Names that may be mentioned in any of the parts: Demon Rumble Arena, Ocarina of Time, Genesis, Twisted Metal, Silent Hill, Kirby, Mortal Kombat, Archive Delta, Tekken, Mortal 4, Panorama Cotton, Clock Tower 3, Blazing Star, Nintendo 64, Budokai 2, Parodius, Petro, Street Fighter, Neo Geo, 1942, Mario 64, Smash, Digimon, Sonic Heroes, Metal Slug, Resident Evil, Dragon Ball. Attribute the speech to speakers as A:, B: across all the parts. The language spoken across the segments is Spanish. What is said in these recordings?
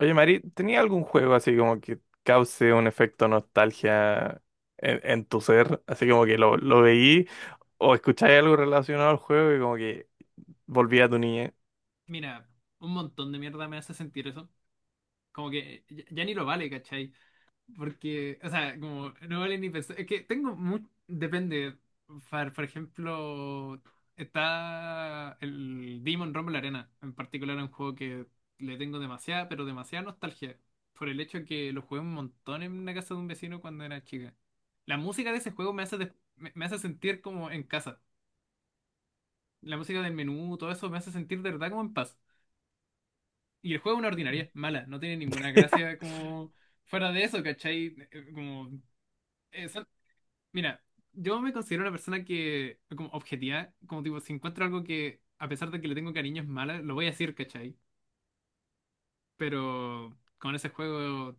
A: Oye, Mari, ¿tenía algún juego así como que cause un efecto nostalgia en tu ser? Así
B: Oh,
A: como que lo veí o escucháis algo relacionado al juego y como que volví a tu niñez.
B: mira, un montón de mierda me hace sentir eso. Como que ya, ya ni lo vale, ¿cachai? Porque, o sea, como no vale ni pensar. Es que tengo mucho. Depende. Por ejemplo, está el Demon Rumble Arena. En particular, un juego que le tengo demasiada, pero demasiada nostalgia. Por el hecho que lo jugué un montón en una casa de un vecino cuando era chica. La música de ese juego me hace sentir como en casa. La música del menú, todo eso me hace sentir de verdad como en paz. Y el juego es una ordinaria, mala, no tiene ninguna gracia como fuera de eso, ¿cachai? Como, eh, son- mira, yo me considero una persona que, como objetiva, como tipo, si encuentro algo que, a pesar de que le tengo cariño, es mala, lo voy a decir, ¿cachai? Pero con ese juego,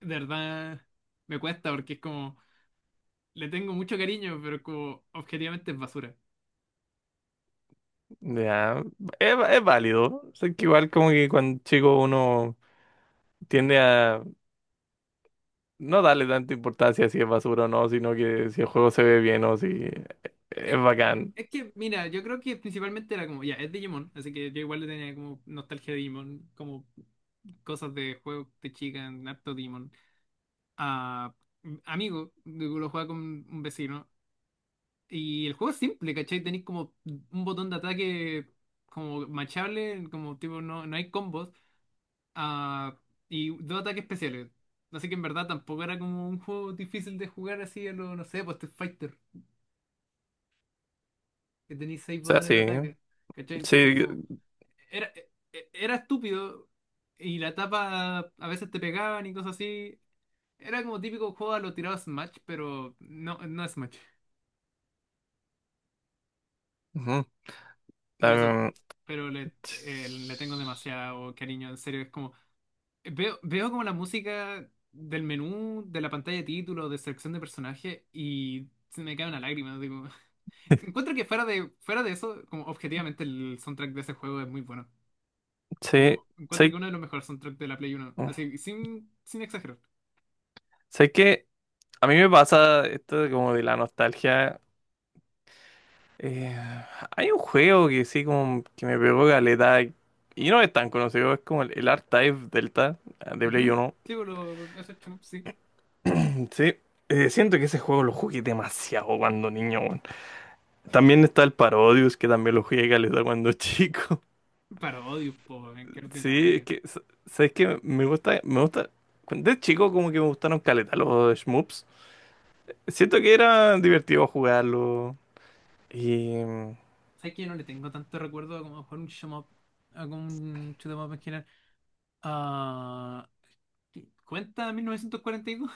B: de verdad, me cuesta porque es como, le tengo mucho cariño, pero como, objetivamente es basura.
A: Ya, es válido. Sé que igual como que cuando chico uno tiende a no darle tanta importancia si es basura o no, sino que si el juego se ve bien o si
B: Es,
A: es bacán.
B: es que, mira, yo creo que principalmente era como, ya, es Digimon, así que yo igual le tenía como nostalgia de Digimon, como cosas de juegos de chica, en harto Digimon. Ah, Amigo, digo, lo jugaba con un vecino. Y el juego es simple, ¿cachai? Tenéis como un botón de ataque como machable, como tipo, no, no hay combos. Ah, y dos ataques especiales. Así que en verdad tampoco era como un juego difícil de jugar así a lo, no sé, pues Street Fighter, que tenéis seis
A: O sea,
B: botones de
A: sí.
B: ataque. ¿Cachai? Entonces,
A: Sí.
B: como, era, era estúpido y la tapa a veces te pegaban y cosas así. Era como típico juego a lo tirado a Smash, pero no, no es Smash.
A: Ujú.
B: Y eso,
A: em,
B: pero le tengo demasiado cariño, en serio. Es como, veo como la música del menú, de la pantalla de título, de selección de personaje y se me cae una lágrima. Digo, encuentro que fuera de eso, como objetivamente el soundtrack de ese juego es muy bueno.
A: sí.
B: Como encuentro que
A: Sí.
B: uno de los mejores soundtracks de la Play uno. Así, sin exagerar.
A: Sé que a mí me pasa esto de como de la nostalgia. eh, Hay un juego que sí como que me pegó caleta y no es tan conocido, es como el Archive Delta, de Play
B: Ujú.
A: uno
B: Sí, por lo, eso, sí.
A: Sí, siento que ese juego lo jugué demasiado cuando niño, weón. También está el Parodius que también lo jugué caleta cuando chico.
B: Parodios, po, weón, qué
A: Sí, es
B: ordinario.
A: que sabes que me gusta de chico como que me gustaron caleta los shmups. Siento que era divertido jugarlo. Y mm.
B: ¿Sabes que yo no le tengo tanto recuerdo a como jugar un shoot 'em up, a como un shoot 'em up en general? Ah, ¿Qué? ¿Cuenta 1942?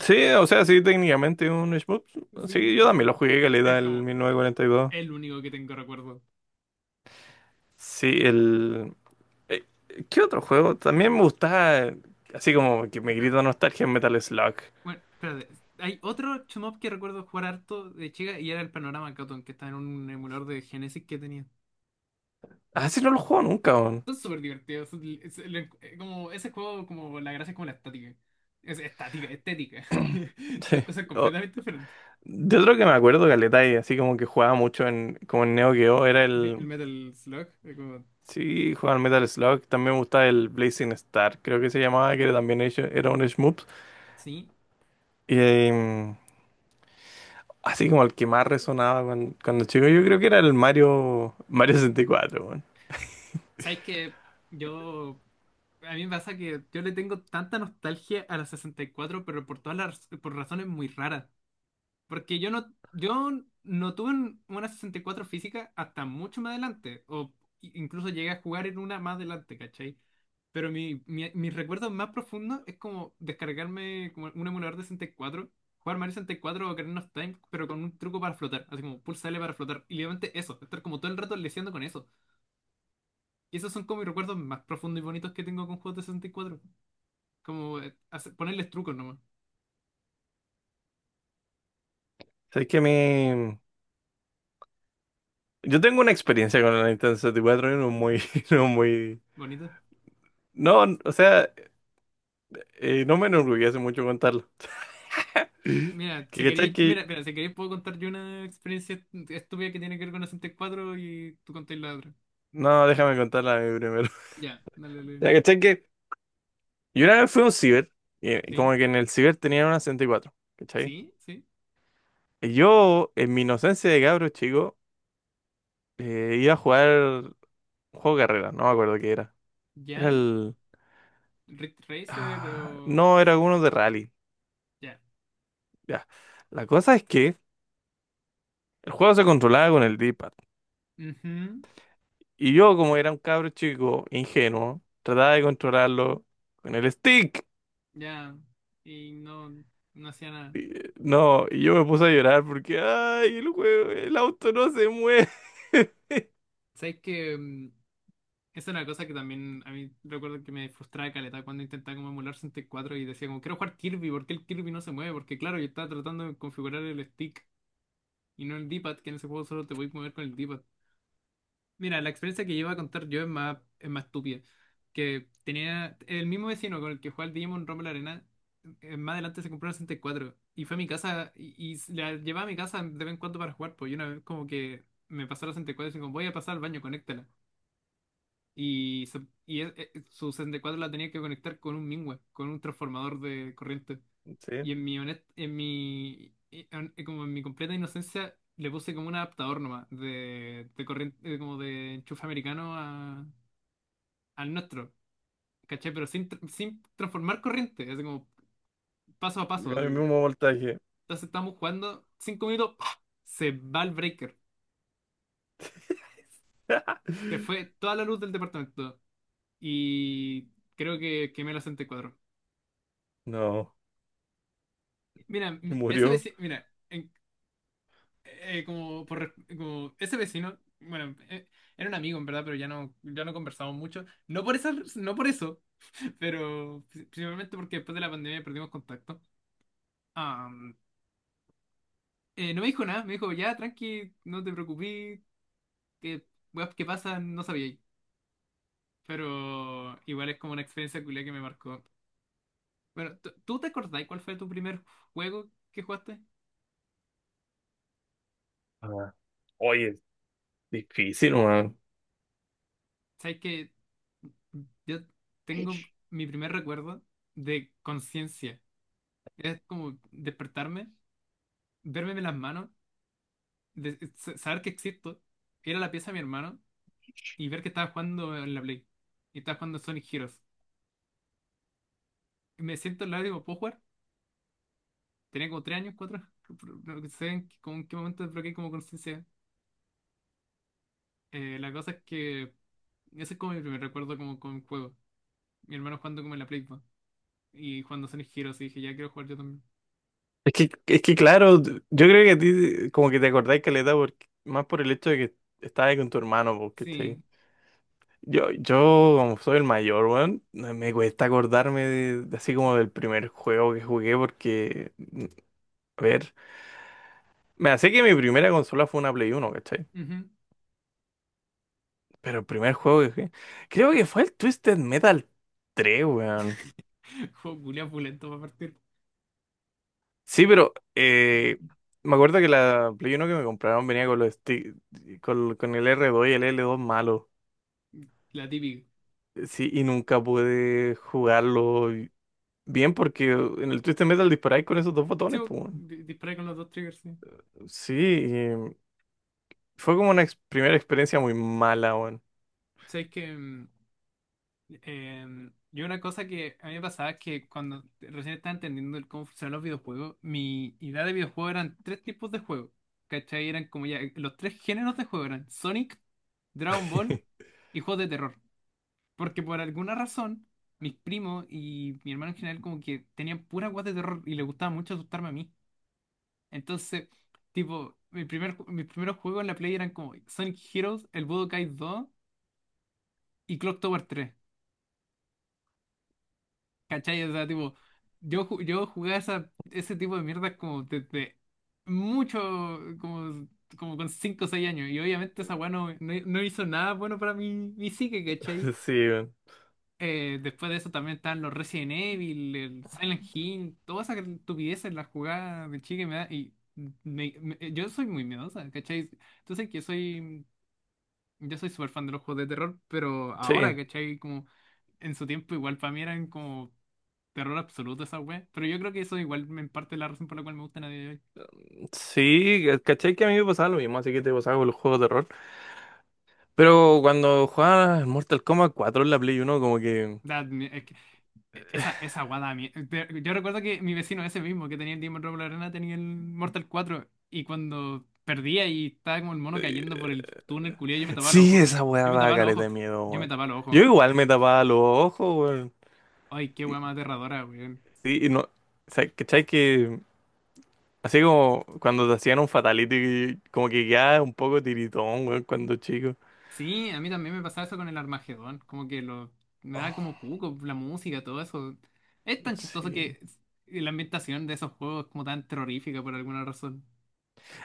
A: Sí, o sea, sí, técnicamente un shmup.
B: Sí,
A: Sí, yo
B: ya.
A: también lo jugué caleta
B: Es
A: el
B: como
A: 1942.
B: el único que tengo recuerdo.
A: Sí, eh, ¿qué otro juego? También me gustaba, así como que me
B: Eh,
A: grita nostalgia en Metal Slug.
B: Bueno, espérate. Hay otro shoot 'em up que recuerdo jugar harto de chica y era el Panorama Cotton, que está en un emulador de Genesis que tenía.
A: Así no lo juego nunca, weón.
B: Son súper divertidos. Ese juego, como la gracia es como la estática. Es estática, estética. Dos
A: Sí.
B: cosas
A: O-
B: completamente diferentes.
A: de otro que me acuerdo, caleta, y así como que jugaba mucho en, como en Neo Geo, era
B: Sí, el
A: el...
B: Metal Slug, como,
A: Sí, jugaba al Metal Slug. También me gustaba el Blazing Star, creo que se llamaba, que era también hecho, era un shmup.
B: sí.
A: Y... em, Así como el que más resonaba cuando chico, yo creo que era el Mario 64, weón.
B: ¿Sabes que Yo, a mí me pasa que yo le tengo tanta nostalgia a la 64 pero por todas las, por razones muy raras? Porque yo no, yo no tuve una 64 física hasta mucho más adelante, o incluso llegué a jugar en una más adelante, ¿cachai? Pero mis recuerdos más profundos es como descargarme como un emulador de 64, jugar Mario 64 o Ocarina of Time, pero con un truco para flotar, así como pulsa L para flotar. Y literalmente eso, estar como todo el rato leseando con eso. Y esos son como mis recuerdos más profundos y bonitos que tengo con juegos de 64. Como ponerles trucos nomás,
A: O sea, es que a mí... Yo tengo una experiencia con la Nintendo 64 y cuatro y no muy... No, muy...
B: bonitos.
A: No, o sea, no me enorgullece mucho contarlo.
B: Mira, si
A: Que cachai
B: queréis,
A: que...
B: mira, si queréis puedo contar yo una experiencia estúpida que tiene que ver con la 64 y cuatro y tú contáis la otra.
A: No, déjame contarla a mí primero.
B: Ya, dale, dale,
A: Ya,
B: dale.
A: cachai que... Yo una vez fui a un ciber, y
B: Sí,
A: como que en el ciber tenían una 64, ¿cachai?
B: sí, sí.
A: Y yo, en mi inocencia de cabro chico, iba a jugar un juego de carrera, no me acuerdo qué era. Era
B: Ya.
A: el...
B: Rick Racer
A: Ah,
B: o.
A: no, era uno de rally.
B: Ya.
A: Ya. La cosa es que el juego se controlaba con el D-pad.
B: Ujú.
A: Y yo, como era un cabro chico ingenuo, trataba de controlarlo con el stick.
B: Ya. Y no, no hacía nada.
A: Y, no, y yo me puse a llorar porque, ay, el juego, el auto no se mueve.
B: ¿Sabes que esa era una cosa que también a mí recuerdo que me frustraba caleta cuando intentaba como emular 64 y cuatro y decía como quiero jugar Kirby? ¿Por qué el Kirby no se mueve? Porque claro, yo estaba tratando de configurar el stick y no el D-pad, que en ese juego solo te podéis mover con el d. Mira, la experiencia que llevo a contar yo es más estúpida. Que tenía el mismo vecino con el que jugaba al Digimon Rumble Arena. Más adelante se compró una 64 y cuatro y fue a mi casa y, la llevaba a mi casa de vez en cuando para jugar. Pues y una vez como que me pasó la 64 y dijo, voy a pasar al baño, conéctala. Y, se- y su 64 la tenía que conectar con un Mingua, con un transformador de corriente.
A: Sí,
B: Y en mi honest- en mi, en- como en mi completa inocencia, le puse como un adaptador nomás de corriente, como de enchufe americano al nuestro, ¿cachai? Pero sin transformar corriente, así como paso a paso,
A: con el
B: así.
A: mismo voltaje.
B: Entonces estamos jugando, 5 minutos, ¡pah! Se va el breaker. Se fue toda la luz del departamento y creo que quemé la 64.
A: No,
B: Mira,
A: y
B: mi- ese
A: murió.
B: vecino, mira, en- como, por, como ese vecino, bueno, era un amigo en verdad, pero ya no, conversamos mucho. No por eso, no por eso, pero principalmente porque después de la pandemia perdimos contacto. Am, no me dijo nada, me dijo, ya, tranqui, no te preocupes, que weas que pasan, no sabía. Pero igual es como una experiencia culia que me marcó. Bueno, ¿tú te acordás cuál fue tu primer juego que jugaste?
A: Ah, oye, difícil, man.
B: Sabes que yo tengo mi primer recuerdo de conciencia. Es como despertarme, verme las manos, saber que existo, ir a la pieza de mi hermano y ver que estaba jugando en la Play. Y estaba jugando Sonic Heroes. Y me siento al lado y digo, ¿puedo jugar? Tenía como 3 años, cuatro. No sé en qué, como en qué momento desbloqueé como conciencia. La cosa es que ese es como mi primer recuerdo como con un juego. Mi hermano jugando como en la Play po, y jugando Sonic Heroes. Y dije, ya quiero jugar yo también.
A: Es que claro, yo creo que a ti como que te acordáis caleta porque, más por el hecho de que estabas con tu hermano, porque
B: Sí.
A: yo como soy el mayor, weón, me cuesta acordarme de así como del primer juego que jugué porque, a ver, me hace que mi primera consola fue una Play 1, ¿cachai?
B: Ujú.
A: Pero el primer juego que jugué, creo que fue el Twisted Metal 3, weón.
B: Juego culiao pulento para partir.
A: Sí, pero me acuerdo que la Play 1 que me compraron venía con los con el R2 y el L2 malo.
B: La típica.
A: Sí, y nunca pude jugarlo bien porque en el Twisted Metal disparáis con esos dos
B: Sí,
A: botones,
B: po,
A: pues, weón.
B: disparé con los dos triggers, sí.
A: Sí, y fue como una primera experiencia muy mala, weón.
B: Sabes que yo una cosa que a mí me pasaba es que cuando recién estaba entendiendo el cómo funcionan los videojuegos, mi idea de videojuego eran tres tipos de juegos. ¿Cachai? Eran como ya los tres géneros de juego eran Sonic, Dragon Ball y juegos de terror. Porque por alguna razón, mis primos y mi hermano en general como que tenían pura guas de terror y les gustaba mucho asustarme a mí. Entonces, tipo, mis primeros juegos en la Play eran como Sonic Heroes, el Budokai 2 y Clock Tower 3. ¿Cachai? O sea, tipo, yo jugaba ese tipo de mierdas como desde mucho, como, como con 5 o 6 años. Y obviamente esa weá no hizo nada bueno para mi psique, ¿cachai?
A: Sí, weón.
B: Después de eso también están los Resident Evil, el Silent Hill, todas esas estupideces, las jugadas de chique me da. Y yo soy muy miedosa, ¿cachai? Entonces que soy. Yo soy súper fan de los juegos de terror, pero ahora,
A: Sí,
B: ¿cachai? Como en su tiempo igual para mí eran como. Terror absoluto esa wea. Pero yo creo que eso igual me en parte es la razón por la cual me gusta a día de hoy.
A: sí, caché que a mí me pasaba lo mismo, así que te pasaba con los juegos de terror. Pero cuando jugaba al Mortal Kombat 4 en la Play 1, como que...
B: Da- me- es que e- esa wea da mie- te- Yo recuerdo que mi vecino ese mismo que tenía el Demon Robo la Arena tenía el Mortal 4 y cuando perdía y estaba como el mono cayendo por el túnel culiao, yo me tapaba los
A: Sí,
B: ojos.
A: esa weá
B: Yo me
A: daba
B: tapaba los
A: caleta de
B: ojos.
A: miedo,
B: Yo me
A: weón.
B: tapaba los ojos.
A: Yo igual me tapaba los ojos, weón.
B: Ay, qué
A: Y-
B: wea más aterradora, weón.
A: Sí, y no. O sea, ¿cachai que...? Así como cuando te hacían un fatality, como que ya un poco tiritón, weón, cuando chico.
B: Sí, a mí también me pasaba eso con el Armagedón. Como que me da
A: Oh.
B: como cuco, la música, todo eso. Es tan chistoso
A: Sí.
B: que la ambientación de esos juegos es como tan terrorífica por alguna razón.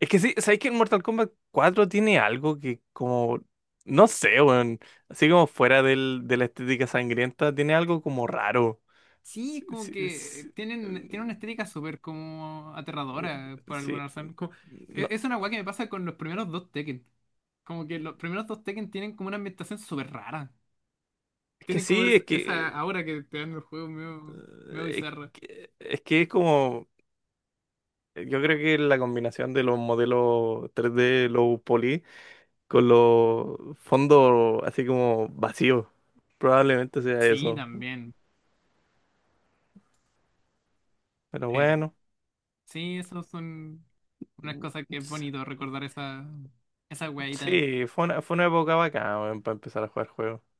A: Es que sí, ¿sabes que en Mortal Kombat 4 tiene algo que como, no sé, weón, así como fuera de la estética sangrienta, tiene algo como raro?
B: Sí, es
A: Sí,
B: como
A: sí,
B: que
A: sí.
B: tienen una estética súper como
A: Mm,
B: aterradora por
A: sí.
B: alguna razón.
A: No,
B: Es una weá que me pasa con los primeros dos Tekken. Como que los primeros dos Tekken tienen como una ambientación súper rara.
A: es que
B: Tienen como
A: sí,
B: esa aura que te dan los juegos medio
A: es
B: bizarra.
A: es que es como, yo creo que la combinación de los modelos 3D low poly, con los fondos así como vacíos. Probablemente sea
B: Sí,
A: eso.
B: también.
A: Pero
B: Eh,
A: bueno,
B: sí, eso son unas cosas que es
A: s-
B: bonito recordar esa
A: sí, fue una época bacana, weón, para empezar a jugar juegos.